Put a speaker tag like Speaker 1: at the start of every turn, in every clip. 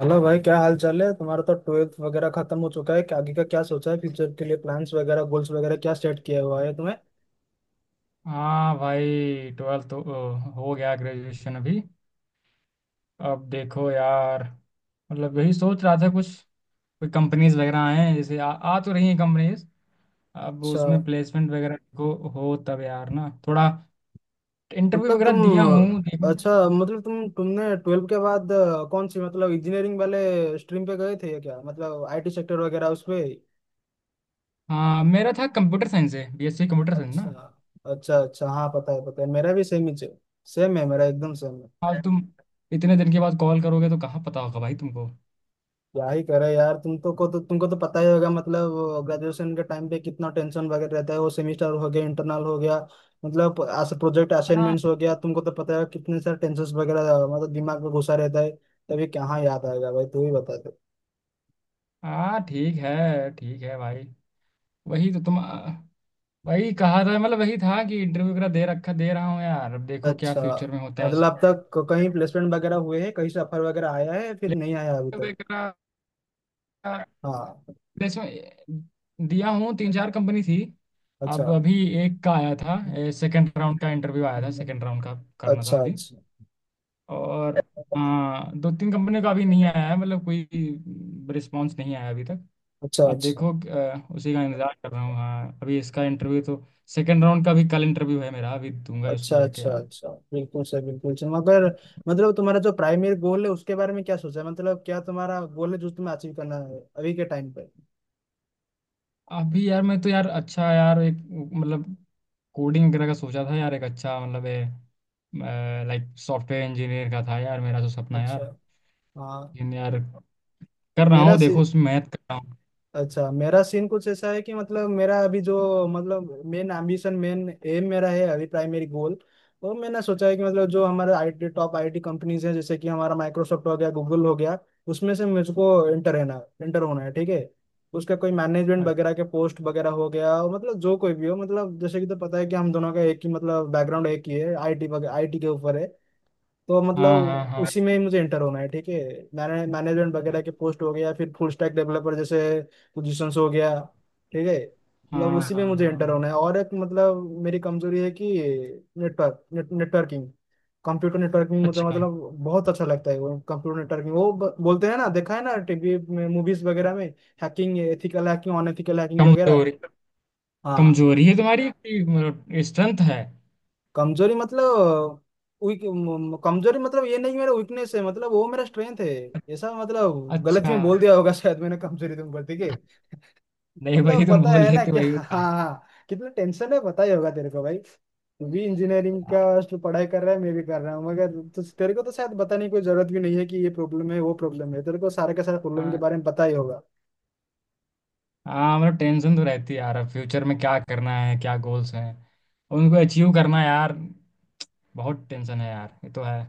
Speaker 1: Hello भाई, क्या हाल चाल है? तुम्हारा तो ट्वेल्थ वगैरह खत्म हो चुका है क्या? आगे का क्या सोचा है? फ्यूचर के लिए प्लान्स वगैरह, गोल्स वगैरह क्या सेट किया हुआ है तुम्हें?
Speaker 2: हाँ भाई ट्वेल्थ तो हो गया। ग्रेजुएशन अभी, अब देखो यार। मतलब यही सोच रहा था कुछ। कोई कंपनीज वगैरह हैं, जैसे आ तो रही हैं कंपनीज। अब
Speaker 1: अच्छा,
Speaker 2: उसमें प्लेसमेंट वगैरह को हो तब यार ना थोड़ा। इंटरव्यू
Speaker 1: मतलब
Speaker 2: वगैरह दिया हूँ
Speaker 1: तुम,
Speaker 2: देखो।
Speaker 1: अच्छा, मतलब तुमने ट्वेल्थ के बाद कौन सी, मतलब इंजीनियरिंग वाले स्ट्रीम पे गए थे या क्या, मतलब आईटी सेक्टर वगैरह उसपे।
Speaker 2: हाँ, मेरा था कंप्यूटर साइंस है, बीएससी कंप्यूटर साइंस ना।
Speaker 1: अच्छा, अच्छा, अच्छा। हाँ, पता है, पता है। मेरा भी सेम ही। सेम है मेरा, एकदम सेम।
Speaker 2: आज तुम इतने दिन के बाद कॉल करोगे तो कहाँ पता होगा भाई तुमको।
Speaker 1: क्या ही करे यार, तुमको तो पता ही होगा, मतलब ग्रेजुएशन के टाइम पे कितना टेंशन वगैरह रहता है। वो सेमेस्टर हो गया, इंटरनल हो गया, मतलब प्रोजेक्ट
Speaker 2: हाँ
Speaker 1: असाइनमेंट्स हो गया। तुमको तो पता है कितने सारे टेंशन वगैरह मतलब दिमाग में घुसा रहता है। तभी कहाँ याद आएगा भाई, तू ही बता दे।
Speaker 2: हाँ, ठीक है। ठीक है भाई। वही तो तुम, वही कहा था। मतलब वही था कि इंटरव्यू वगैरह दे रखा, दे रहा हूँ यार। अब देखो क्या
Speaker 1: अच्छा।
Speaker 2: फ्यूचर में होता है
Speaker 1: मतलब अब
Speaker 2: उसका।
Speaker 1: तक कहीं प्लेसमेंट वगैरह हुए हैं? कहीं से ऑफर वगैरह आया है? फिर नहीं आया अभी तक?
Speaker 2: प्लेसमेंट वगैरह।
Speaker 1: हाँ।
Speaker 2: प्लेसमेंट दिया हूँ, तीन चार कंपनी थी।
Speaker 1: अच्छा।
Speaker 2: अब अभी एक का आया था, सेकंड राउंड का इंटरव्यू आया था, सेकंड राउंड का करना था
Speaker 1: अच्छा,
Speaker 2: अभी।
Speaker 1: अच्छा,
Speaker 2: और हाँ, दो तीन कंपनी का अभी नहीं आया है, मतलब कोई रिस्पांस नहीं आया अभी तक।
Speaker 1: अच्छा,
Speaker 2: अब
Speaker 1: अच्छा,
Speaker 2: देखो, उसी का इंतजार कर रहा हूँ। हाँ, अभी इसका इंटरव्यू तो सेकंड राउंड का भी कल इंटरव्यू है मेरा, अभी दूंगा उसको
Speaker 1: अच्छा,
Speaker 2: जाके
Speaker 1: अच्छा,
Speaker 2: यार।
Speaker 1: अच्छा। बिल्कुल सर, बिल्कुल सर, मगर मतलब तुम्हारा जो प्राइमरी गोल है, उसके बारे में क्या सोचा है? मतलब क्या तुम्हारा गोल है जो तुम्हें अचीव करना है अभी के टाइम पे?
Speaker 2: अभी यार मैं तो यार, अच्छा यार, एक मतलब कोडिंग वगैरह का सोचा था यार, एक अच्छा, मतलब लाइक सॉफ्टवेयर इंजीनियर का था यार, मेरा तो सपना यार।
Speaker 1: अच्छा। हाँ।
Speaker 2: लेकिन यार कर रहा
Speaker 1: मेरा,
Speaker 2: हूँ देखो, उसमें मेहनत कर रहा हूँ।
Speaker 1: अच्छा, मेरा सीन कुछ ऐसा है कि मतलब मेरा अभी जो, मतलब मेन एम्बिशन, मेन एम मेरा है अभी, प्राइमरी गोल। वो मैंने सोचा है कि मतलब जो हमारे आईटी, टॉप आईटी कंपनीज हैं, जैसे कि हमारा माइक्रोसॉफ्ट हो गया, गूगल हो गया, उसमें से मुझको एंटर है ना, एंटर होना है, ठीक है। उसका कोई मैनेजमेंट वगैरह के पोस्ट वगैरह हो गया, और मतलब जो कोई भी हो, मतलब जैसे कि तो पता है कि हम दोनों का एक ही, मतलब बैकग्राउंड एक ही है, आईटी, आईटी के ऊपर है। तो
Speaker 2: हाँ हाँ
Speaker 1: मतलब
Speaker 2: हाँ।
Speaker 1: उसी में ही मुझे इंटर होना है, ठीक है। मैंने मैनेजमेंट वगैरह के पोस्ट हो गया, फिर फुल स्टैक डेवलपर जैसे पोजीशंस हो गया, ठीक है। मतलब
Speaker 2: हाँ
Speaker 1: उसी में
Speaker 2: हाँ
Speaker 1: मुझे इंटर होना
Speaker 2: हाँ।
Speaker 1: है। और एक, मतलब मेरी कमजोरी है कि नेटवर्किंग, कंप्यूटर नेटवर्किंग, मतलब
Speaker 2: अच्छा।
Speaker 1: मतलब बहुत अच्छा लगता है वो कंप्यूटर नेटवर्किंग। वो बोलते हैं ना, देखा है ना टीवी में मूवीज वगैरह में, hacking, ethical hacking, unethical hacking वगैरह।
Speaker 2: कमजोरी?
Speaker 1: हाँ।
Speaker 2: कमजोरी है तुम्हारी कि मतलब स्ट्रेंथ है?
Speaker 1: कमजोरी मतलब वीक। कमजोरी मतलब ये नहीं मेरा वीकनेस है, मतलब वो मेरा स्ट्रेंथ है। ऐसा, मतलब गलत
Speaker 2: अच्छा।
Speaker 1: में बोल दिया होगा शायद मैंने कमजोरी। तुम बोलती के
Speaker 2: नहीं भाई,
Speaker 1: मतलब
Speaker 2: तुम
Speaker 1: पता
Speaker 2: बोल
Speaker 1: है ना
Speaker 2: लेते
Speaker 1: क्या।
Speaker 2: वही
Speaker 1: हाँ।
Speaker 2: बता।
Speaker 1: हाँ कितना टेंशन है, पता ही होगा तेरे को भाई। तू भी इंजीनियरिंग का पढ़ाई कर रहा है, मैं भी कर रहा हूँ, मगर तो तेरे को तो शायद बताने की कोई जरूरत भी नहीं है, कि ये प्रॉब्लम है, वो प्रॉब्लम है, तेरे को सारे के सारे प्रॉब्लम के
Speaker 2: हाँ।
Speaker 1: बारे में पता ही होगा।
Speaker 2: हाँ, मतलब टेंशन तो रहती है यार, फ्यूचर में क्या करना है, क्या गोल्स हैं, उनको अचीव करना यार। बहुत टेंशन है यार, ये तो है।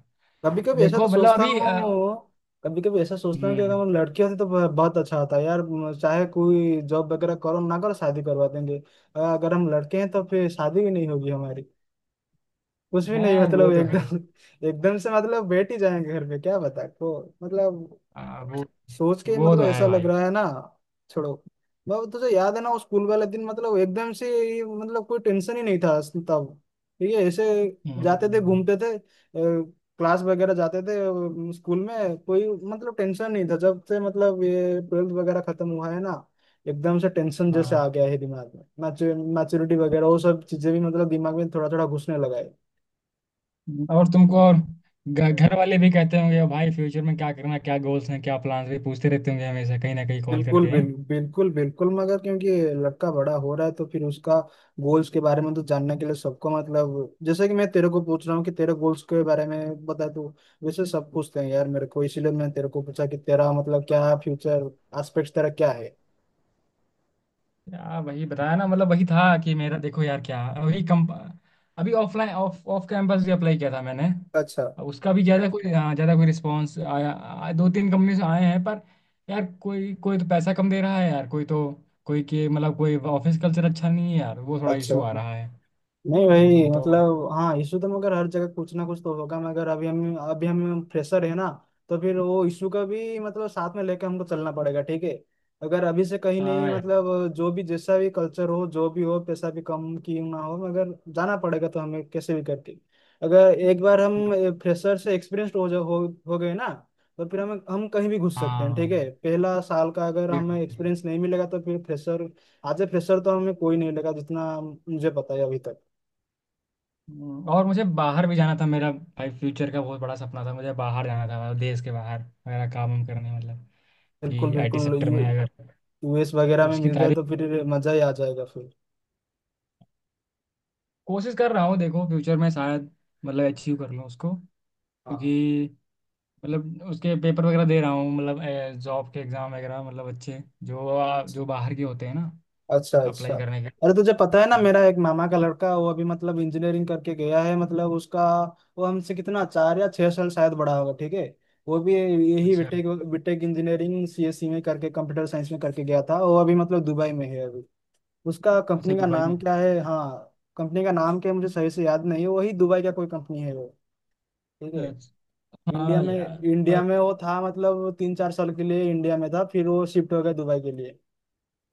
Speaker 1: कभी कभी ऐसा तो
Speaker 2: देखो मतलब
Speaker 1: सोचता
Speaker 2: अभी
Speaker 1: हूँ, कभी कभी ऐसा सोचता हूँ कि अगर
Speaker 2: हम्म।
Speaker 1: मैं लड़की होती तो बहुत अच्छा होता यार, चाहे कोई जॉब वगैरह करो ना करो, शादी करवा देंगे। अगर हम लड़के हैं तो फिर शादी भी नहीं होगी हमारी, कुछ भी नहीं
Speaker 2: है, वो
Speaker 1: मतलब,
Speaker 2: तो है।
Speaker 1: एकदम। एकदम से मतलब बैठ ही जाएंगे घर पे, क्या बता को मतलब,
Speaker 2: आ, वो
Speaker 1: सोच के
Speaker 2: वो
Speaker 1: मतलब
Speaker 2: तो है
Speaker 1: ऐसा
Speaker 2: भाई।
Speaker 1: लग रहा है ना। छोड़ो। मतलब तुझे याद है ना वो स्कूल वाले दिन, मतलब एकदम से ये मतलब कोई टेंशन ही नहीं था तब, ठीक है, ऐसे जाते थे,
Speaker 2: हम्म।
Speaker 1: घूमते थे, क्लास वगैरह जाते थे। स्कूल में कोई मतलब टेंशन नहीं था। जब से मतलब ये ट्वेल्थ वगैरह खत्म हुआ है ना, एकदम से टेंशन जैसे
Speaker 2: हाँ।
Speaker 1: आ गया है दिमाग में। मैच्योरिटी वगैरह, वो सब चीजें भी मतलब दिमाग में थोड़ा थोड़ा घुसने लगा
Speaker 2: और तुमको,
Speaker 1: है।
Speaker 2: और घर वाले भी कहते होंगे भाई, फ्यूचर में क्या करना, क्या गोल्स हैं, क्या प्लान्स भी पूछते रहते होंगे हमेशा, कहीं ना कहीं कॉल
Speaker 1: बिल्कुल
Speaker 2: करके।
Speaker 1: बिल्कुल बिल्कुल, मगर क्योंकि लड़का बड़ा हो रहा है तो फिर उसका गोल्स के बारे में तो जानने के लिए सबको, मतलब जैसे कि मैं तेरे को पूछ रहा हूँ कि तेरे गोल्स के बारे में बता तू। वैसे सब पूछते हैं यार मेरे को, इसीलिए मैं तेरे को पूछा कि तेरा मतलब क्या फ्यूचर एस्पेक्ट तेरा क्या है।
Speaker 2: यार वही बताया ना, मतलब वही था कि मेरा, देखो यार, क्या वही कम। अभी ऑफलाइन ऑफ ऑफ कैंपस भी अप्लाई किया था मैंने।
Speaker 1: अच्छा,
Speaker 2: अब उसका भी ज़्यादा कोई, हाँ, ज़्यादा कोई रिस्पांस आया, दो तीन कंपनी से आए हैं पर, यार कोई कोई तो पैसा कम दे रहा है यार, कोई तो, कोई के मतलब कोई ऑफिस कल्चर अच्छा नहीं है यार, वो थोड़ा
Speaker 1: अच्छा।
Speaker 2: इशू आ रहा है।
Speaker 1: नहीं भाई
Speaker 2: तो
Speaker 1: मतलब, हाँ इशू तो, मगर हर जगह कुछ ना कुछ तो होगा, मगर अभी हम फ्रेशर है ना। तो फिर वो इशू का भी मतलब साथ में लेके हमको चलना पड़ेगा, ठीक है। अगर अभी से कहीं नहीं,
Speaker 2: हाँ यार।
Speaker 1: मतलब जो भी, जैसा भी कल्चर हो, जो भी हो, पैसा भी कम क्यों ना हो, मगर जाना पड़ेगा तो, हमें कैसे भी करके। अगर एक बार हम फ्रेशर से एक्सपीरियंस हो गए ना, तो फिर हम कहीं भी घुस सकते हैं,
Speaker 2: हाँ,
Speaker 1: ठीक है। पहला साल का अगर
Speaker 2: ये
Speaker 1: हमें
Speaker 2: बात है।
Speaker 1: एक्सपीरियंस नहीं मिलेगा तो फिर फ्रेशर, आज ए फ्रेशर तो हमें कोई नहीं लगा जितना मुझे पता है अभी तक।
Speaker 2: और मुझे बाहर भी जाना था। मेरा भाई फ्यूचर का बहुत बड़ा सपना था, मुझे बाहर जाना था, मतलब देश के बाहर, मेरा काम वाम करने, मतलब
Speaker 1: बिल्कुल
Speaker 2: कि आईटी
Speaker 1: बिल्कुल,
Speaker 2: सेक्टर
Speaker 1: यू
Speaker 2: में अगर,
Speaker 1: यूएस वगैरह में
Speaker 2: उसकी
Speaker 1: मिल जाए
Speaker 2: तारीफ,
Speaker 1: तो फिर मजा ही आ जाएगा फिर।
Speaker 2: कोशिश कर रहा हूँ देखो, फ्यूचर में शायद मतलब अचीव कर लूँ उसको।
Speaker 1: हाँ।
Speaker 2: क्योंकि मतलब उसके पेपर वगैरह दे रहा हूँ, मतलब जॉब के एग्ज़ाम वगैरह, मतलब अच्छे जो,
Speaker 1: अच्छा,
Speaker 2: जो बाहर के होते हैं ना,
Speaker 1: अच्छा, अच्छा।
Speaker 2: अप्लाई करने के।
Speaker 1: अरे तुझे पता है ना,
Speaker 2: हाँ।
Speaker 1: मेरा एक मामा का लड़का, वो अभी मतलब इंजीनियरिंग करके गया है, मतलब उसका, वो हमसे कितना 4 या 6 साल शायद बड़ा होगा, ठीक है। वो भी यही
Speaker 2: अच्छा।
Speaker 1: बीटेक, बीटेक इंजीनियरिंग सीएसई में करके, कंप्यूटर साइंस में करके गया था। वो अभी मतलब दुबई में है अभी। उसका
Speaker 2: अच्छा
Speaker 1: कंपनी का
Speaker 2: दुबई में।
Speaker 1: नाम क्या है, हाँ कंपनी का नाम क्या है मुझे सही से याद नहीं है, वही दुबई का कोई कंपनी है वो, ठीक है।
Speaker 2: अच्छा।
Speaker 1: इंडिया
Speaker 2: हाँ
Speaker 1: में,
Speaker 2: यार।
Speaker 1: इंडिया
Speaker 2: पर-
Speaker 1: में वो था मतलब, 3 4 साल के लिए इंडिया में था, फिर वो शिफ्ट हो गया दुबई के लिए।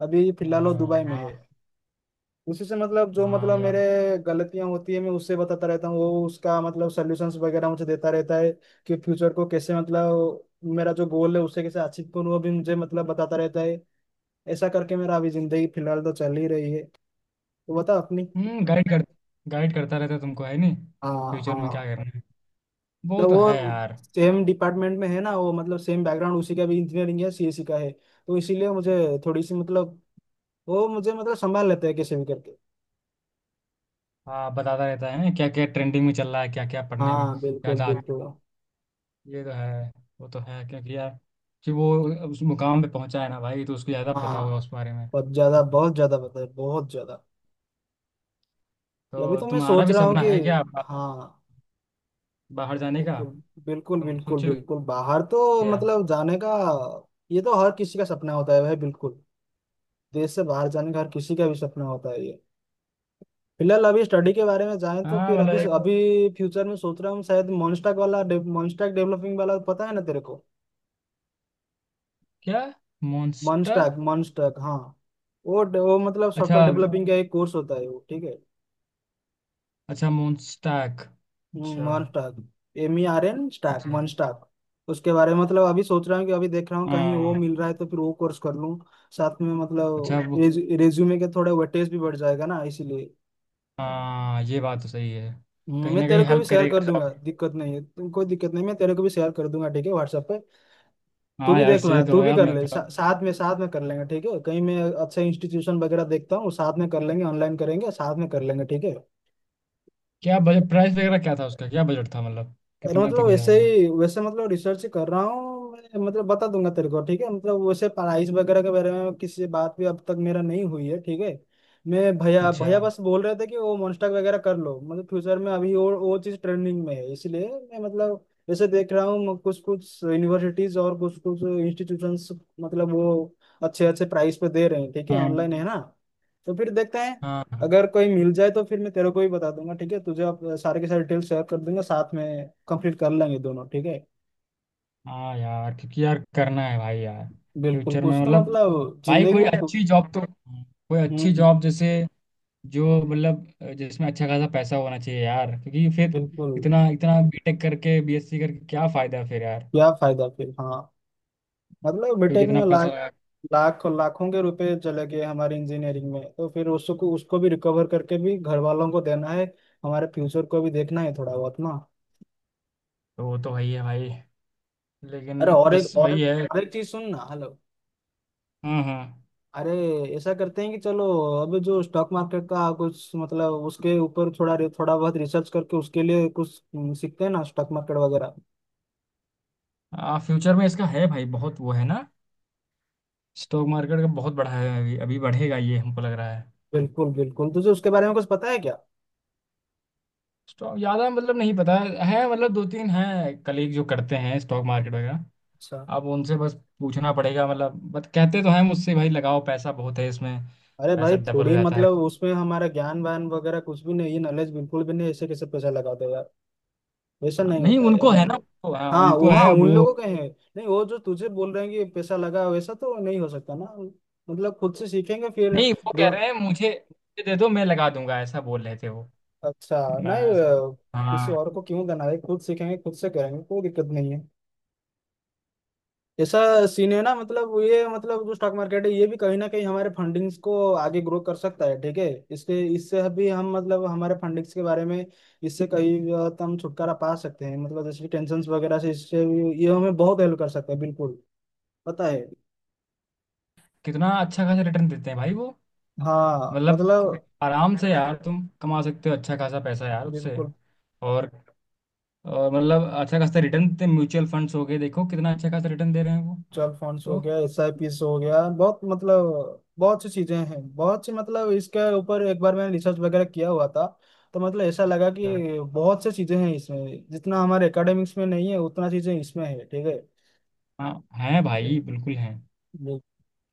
Speaker 1: अभी फिलहाल वो
Speaker 2: हाँ
Speaker 1: दुबई में है।
Speaker 2: हाँ।
Speaker 1: उसी से मतलब जो
Speaker 2: हाँ
Speaker 1: मतलब मेरे
Speaker 2: यार।
Speaker 1: गलतियां होती है, मैं उससे बताता रहता हूँ, वो उसका मतलब सोल्यूशंस वगैरह मुझे देता रहता है, कि फ्यूचर को कैसे, मतलब मेरा जो गोल है उससे कैसे अचीव करूँ, वो भी मुझे मतलब बताता रहता है। ऐसा करके मेरा अभी जिंदगी फिलहाल तो चल ही रही है। तो बता अपनी।
Speaker 2: हम्म, गाइड कर, गाइड करता रहता है तुमको है नहीं?
Speaker 1: हाँ,
Speaker 2: फ्यूचर में क्या
Speaker 1: हाँ,
Speaker 2: करना है, वो
Speaker 1: मतलब
Speaker 2: तो है
Speaker 1: वो
Speaker 2: यार।
Speaker 1: सेम डिपार्टमेंट में है ना वो, मतलब सेम बैकग्राउंड, उसी का भी इंजीनियरिंग है, सीएससी का है, तो इसीलिए मुझे थोड़ी सी मतलब वो मुझे मतलब संभाल लेते हैं कैसे भी करके।
Speaker 2: हाँ, बताता रहता है ना, क्या क्या ट्रेंडिंग में चल रहा है, क्या क्या पढ़ने में
Speaker 1: हाँ बिल्कुल
Speaker 2: ज़्यादा।
Speaker 1: बिल्कुल।
Speaker 2: ये तो है। वो तो है, क्योंकि यार कि वो उस मुकाम पे पहुंचा है ना भाई, तो उसको ज़्यादा
Speaker 1: हाँ
Speaker 2: पता होगा उस बारे में।
Speaker 1: बहुत ज्यादा, बहुत ज्यादा बताए, बहुत ज्यादा। अभी
Speaker 2: तो
Speaker 1: तो मैं
Speaker 2: तुम्हारा
Speaker 1: सोच
Speaker 2: भी
Speaker 1: रहा हूँ
Speaker 2: सपना
Speaker 1: कि,
Speaker 2: है क्या,
Speaker 1: हाँ,
Speaker 2: बाहर जाने का?
Speaker 1: बिल्कुल बिल्कुल
Speaker 2: तुम
Speaker 1: बिल्कुल
Speaker 2: सोचे हो
Speaker 1: बिल्कुल, बाहर तो
Speaker 2: क्या?
Speaker 1: मतलब जाने का। ये तो हर किसी का सपना होता है भाई, बिल्कुल। देश से बाहर जाने का हर किसी का भी सपना होता है ये। फिलहाल अभी स्टडी के बारे में जाएं तो
Speaker 2: हाँ,
Speaker 1: फिर
Speaker 2: मतलब
Speaker 1: अभी
Speaker 2: एक।
Speaker 1: अभी फ्यूचर में सोच रहा हूँ, शायद मॉन्स्टैक वाला, मॉन्स्टैक डेवलपिंग वाला, पता है ना तेरे को?
Speaker 2: क्या? मॉन्स्टर?
Speaker 1: मॉन्स्टैक, मॉन्स्टैक, हाँ। वो मतलब
Speaker 2: अच्छा।
Speaker 1: सॉफ्टवेयर डेवलपिंग का एक कोर्स होता है वो, ठीक है।
Speaker 2: अच्छा मॉन्स्टैक। अच्छा।
Speaker 1: मॉन्स्टैक, MERN स्टैक,
Speaker 2: अच्छा।
Speaker 1: मॉन्स्टैक। उसके बारे में मतलब अभी सोच रहा हूँ कि, अभी देख रहा हूँ कहीं वो
Speaker 2: हाँ
Speaker 1: मिल रहा है तो फिर वो कोर्स कर लूँ। साथ में
Speaker 2: अच्छा
Speaker 1: मतलब
Speaker 2: वो
Speaker 1: रेज्यूमे के थोड़ा वेटेज भी बढ़ जाएगा ना, इसीलिए।
Speaker 2: हाँ ये बात तो सही है। कहीं
Speaker 1: मैं
Speaker 2: ना
Speaker 1: तेरे
Speaker 2: कहीं
Speaker 1: को भी
Speaker 2: हेल्प
Speaker 1: शेयर कर
Speaker 2: करेगा जॉब।
Speaker 1: दूंगा, दिक्कत नहीं है। कोई दिक्कत नहीं, मैं तेरे को भी शेयर कर दूंगा, ठीक है, व्हाट्सएप पे। तू
Speaker 2: हाँ
Speaker 1: भी
Speaker 2: यार,
Speaker 1: देख लेना,
Speaker 2: शेयर
Speaker 1: तू
Speaker 2: करो
Speaker 1: भी
Speaker 2: यार,
Speaker 1: कर
Speaker 2: मैं
Speaker 1: ले
Speaker 2: थोड़ा।
Speaker 1: साथ में, साथ में कर लेंगे, ठीक है। कहीं मैं अच्छा इंस्टीट्यूशन वगैरह देखता हूँ, साथ में कर लेंगे, ऑनलाइन करेंगे, साथ में कर लेंगे, ठीक है।
Speaker 2: क्या बजट प्राइस वगैरह क्या था उसका, क्या बजट था, मतलब
Speaker 1: अरे
Speaker 2: कितना तक
Speaker 1: मतलब
Speaker 2: हो
Speaker 1: वैसे
Speaker 2: जाएगा?
Speaker 1: ही, वैसे मतलब रिसर्च कर रहा हूँ मैं, मतलब बता दूंगा तेरे को, ठीक है। मतलब वैसे पढ़ाई वगैरह के बारे में किसी से बात भी अब तक मेरा नहीं हुई है, ठीक है। मैं भैया,
Speaker 2: अच्छा।
Speaker 1: भैया बस बोल रहे थे कि वो मोन्स्टाक वगैरह कर लो, मतलब फ्यूचर में अभी वो चीज़ ट्रेंडिंग में है, इसलिए मैं मतलब वैसे देख रहा हूँ कुछ कुछ यूनिवर्सिटीज और कुछ कुछ इंस्टीट्यूशंस, मतलब वो अच्छे अच्छे प्राइस पे दे रहे हैं, ठीक है।
Speaker 2: हाँ।
Speaker 1: ऑनलाइन है ना, तो फिर देखते हैं।
Speaker 2: हाँ
Speaker 1: अगर कोई मिल जाए तो फिर मैं तेरे को भी बता दूंगा, ठीक है। तुझे आप सारे के सारे डिटेल्स शेयर कर दूंगा, साथ में कंप्लीट कर लेंगे दोनों, ठीक है।
Speaker 2: हाँ यार क्योंकि यार, करना है भाई यार।
Speaker 1: बिल्कुल,
Speaker 2: फ्यूचर
Speaker 1: कुछ
Speaker 2: में
Speaker 1: तो
Speaker 2: मतलब,
Speaker 1: मतलब
Speaker 2: भाई
Speaker 1: जिंदगी
Speaker 2: कोई
Speaker 1: में
Speaker 2: अच्छी जॉब तो, कोई अच्छी
Speaker 1: हम्म,
Speaker 2: जॉब जैसे जो मतलब जिसमें अच्छा खासा पैसा होना चाहिए यार, क्योंकि फिर,
Speaker 1: बिल्कुल,
Speaker 2: इतना इतना बीटेक करके बीएससी करके क्या फायदा फिर यार।
Speaker 1: क्या फायदा फिर, हाँ। मतलब
Speaker 2: क्योंकि
Speaker 1: बीटेक
Speaker 2: इतना
Speaker 1: में
Speaker 2: पैसा
Speaker 1: लाख,
Speaker 2: लगा।
Speaker 1: लाख लाखों के रुपए चले गए हमारे इंजीनियरिंग में, तो फिर उसको उसको भी रिकवर करके भी घर वालों को देना है, हमारे फ्यूचर को भी देखना है थोड़ा बहुत ना।
Speaker 2: तो वो तो वही है भाई। लेकिन,
Speaker 1: अरे और एक,
Speaker 2: बस वही है।
Speaker 1: और एक चीज सुन ना, हेलो।
Speaker 2: हाँ।
Speaker 1: अरे ऐसा करते हैं कि चलो, अभी जो स्टॉक मार्केट का कुछ, मतलब उसके ऊपर थोड़ा थोड़ा बहुत रिसर्च करके उसके लिए कुछ सीखते हैं ना, स्टॉक मार्केट वगैरह।
Speaker 2: हाँ, फ्यूचर में इसका है भाई बहुत, वो है ना स्टॉक मार्केट का बहुत बढ़ा है, अभी अभी बढ़ेगा ये हमको लग रहा है।
Speaker 1: बिल्कुल बिल्कुल, तुझे उसके बारे में कुछ पता है क्या?
Speaker 2: स्टॉक ज्यादा मतलब नहीं पता है, मतलब दो तीन हैं कलीग जो करते हैं स्टॉक मार्केट वगैरह।
Speaker 1: अच्छा।
Speaker 2: आप उनसे बस पूछना पड़ेगा मतलब, बट कहते तो हैं मुझसे, भाई लगाओ पैसा, बहुत है इसमें,
Speaker 1: अरे भाई
Speaker 2: पैसा डबल हो
Speaker 1: थोड़ी
Speaker 2: जाता है।
Speaker 1: मतलब उसमें हमारा ज्ञान वान वगैरह कुछ भी नहीं है, नॉलेज बिल्कुल भी नहीं, ऐसे कैसे पैसा लगा दो यार, वैसा
Speaker 2: हाँ,
Speaker 1: नहीं
Speaker 2: नहीं
Speaker 1: होता है
Speaker 2: उनको है ना,
Speaker 1: मतलब।
Speaker 2: उनको, हाँ
Speaker 1: हाँ
Speaker 2: उनको
Speaker 1: वो, हाँ
Speaker 2: है, अब
Speaker 1: उन
Speaker 2: वो।
Speaker 1: लोगों के हैं। नहीं वो जो तुझे बोल रहे हैं कि पैसा लगा, वैसा तो नहीं हो सकता ना, मतलब खुद से सीखेंगे फिर।
Speaker 2: नहीं, वो कह
Speaker 1: दो,
Speaker 2: रहे हैं मुझे, मुझे दे दो मैं लगा दूंगा, ऐसा बोल रहे थे वो।
Speaker 1: अच्छा। नहीं
Speaker 2: मैं सब।
Speaker 1: किसी
Speaker 2: हाँ।
Speaker 1: और को क्यों देना है, खुद सीखेंगे, खुद से करेंगे, कोई दिक्कत नहीं है। ऐसा सीन है ना, मतलब ये मतलब जो स्टॉक मार्केट है, ये भी कहीं ना कहीं हमारे फंडिंग्स को आगे ग्रो कर सकता है, ठीक है। इसके, इससे भी हम, मतलब हमारे फंडिंग्स के बारे में इससे कहीं बहुत हम छुटकारा पा सकते हैं, मतलब जैसे कि टेंशन वगैरह से इससे भी ये हमें बहुत हेल्प कर सकता है, बिल्कुल। पता है।
Speaker 2: कितना अच्छा खासा रिटर्न देते हैं भाई वो।
Speaker 1: हाँ
Speaker 2: मतलब
Speaker 1: मतलब
Speaker 2: आराम से यार तुम कमा सकते हो अच्छा खासा पैसा यार उससे।
Speaker 1: बिल्कुल,
Speaker 2: और और मतलब अच्छा खासा रिटर्न देते म्यूचुअल फंड्स हो गए, देखो कितना अच्छा खासा रिटर्न दे रहे हैं वो।
Speaker 1: 12 फंड्स हो
Speaker 2: तो
Speaker 1: गया, SIPs हो गया, बहुत मतलब बहुत सी चीजें हैं बहुत सी, मतलब इसके ऊपर एक बार मैंने रिसर्च वगैरह किया हुआ था। तो मतलब ऐसा लगा
Speaker 2: अच्छा,
Speaker 1: कि बहुत सी चीजें हैं इसमें, जितना हमारे एकेडमिक्स में नहीं है उतना चीजें इसमें है, ठीक है।
Speaker 2: हाँ हैं भाई,
Speaker 1: बिल्कुल।
Speaker 2: बिल्कुल हैं।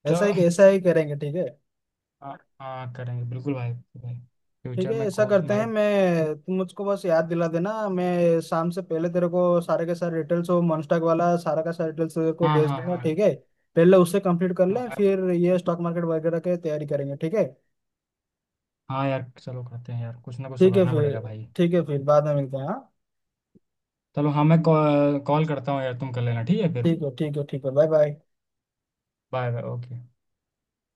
Speaker 1: ऐसा
Speaker 2: चलो।
Speaker 1: ही, ऐसा ही करेंगे, ठीक है।
Speaker 2: हाँ हाँ, करेंगे बिल्कुल भाई भाई।
Speaker 1: ठीक
Speaker 2: फ्यूचर
Speaker 1: है,
Speaker 2: में
Speaker 1: ऐसा
Speaker 2: खोल
Speaker 1: करते हैं,
Speaker 2: भाई।
Speaker 1: मैं, तुम मुझको बस याद दिला देना, मैं शाम से पहले तेरे को सारे के सारे डिटेल्स, वो मनस्टॉक वाला सारा का सारा डिटेल्स तेरे को
Speaker 2: हाँ
Speaker 1: भेज
Speaker 2: हाँ
Speaker 1: दूंगा,
Speaker 2: हाँ।
Speaker 1: ठीक है। पहले उससे कंप्लीट कर लें
Speaker 2: हाँ
Speaker 1: फिर ये स्टॉक मार्केट वगैरह की तैयारी करेंगे, ठीक है।
Speaker 2: हाँ यार, चलो करते हैं यार, कुछ ना कुछ तो
Speaker 1: ठीक है
Speaker 2: करना
Speaker 1: फिर,
Speaker 2: पड़ेगा भाई।
Speaker 1: ठीक है फिर बाद में मिलते हैं, हाँ।
Speaker 2: चलो हाँ, मैं कॉल कॉल करता हूँ यार, तुम कर लेना, ठीक है फिर।
Speaker 1: ठीक है, ठीक है, ठीक है, bye bye.
Speaker 2: Bye bye, okay.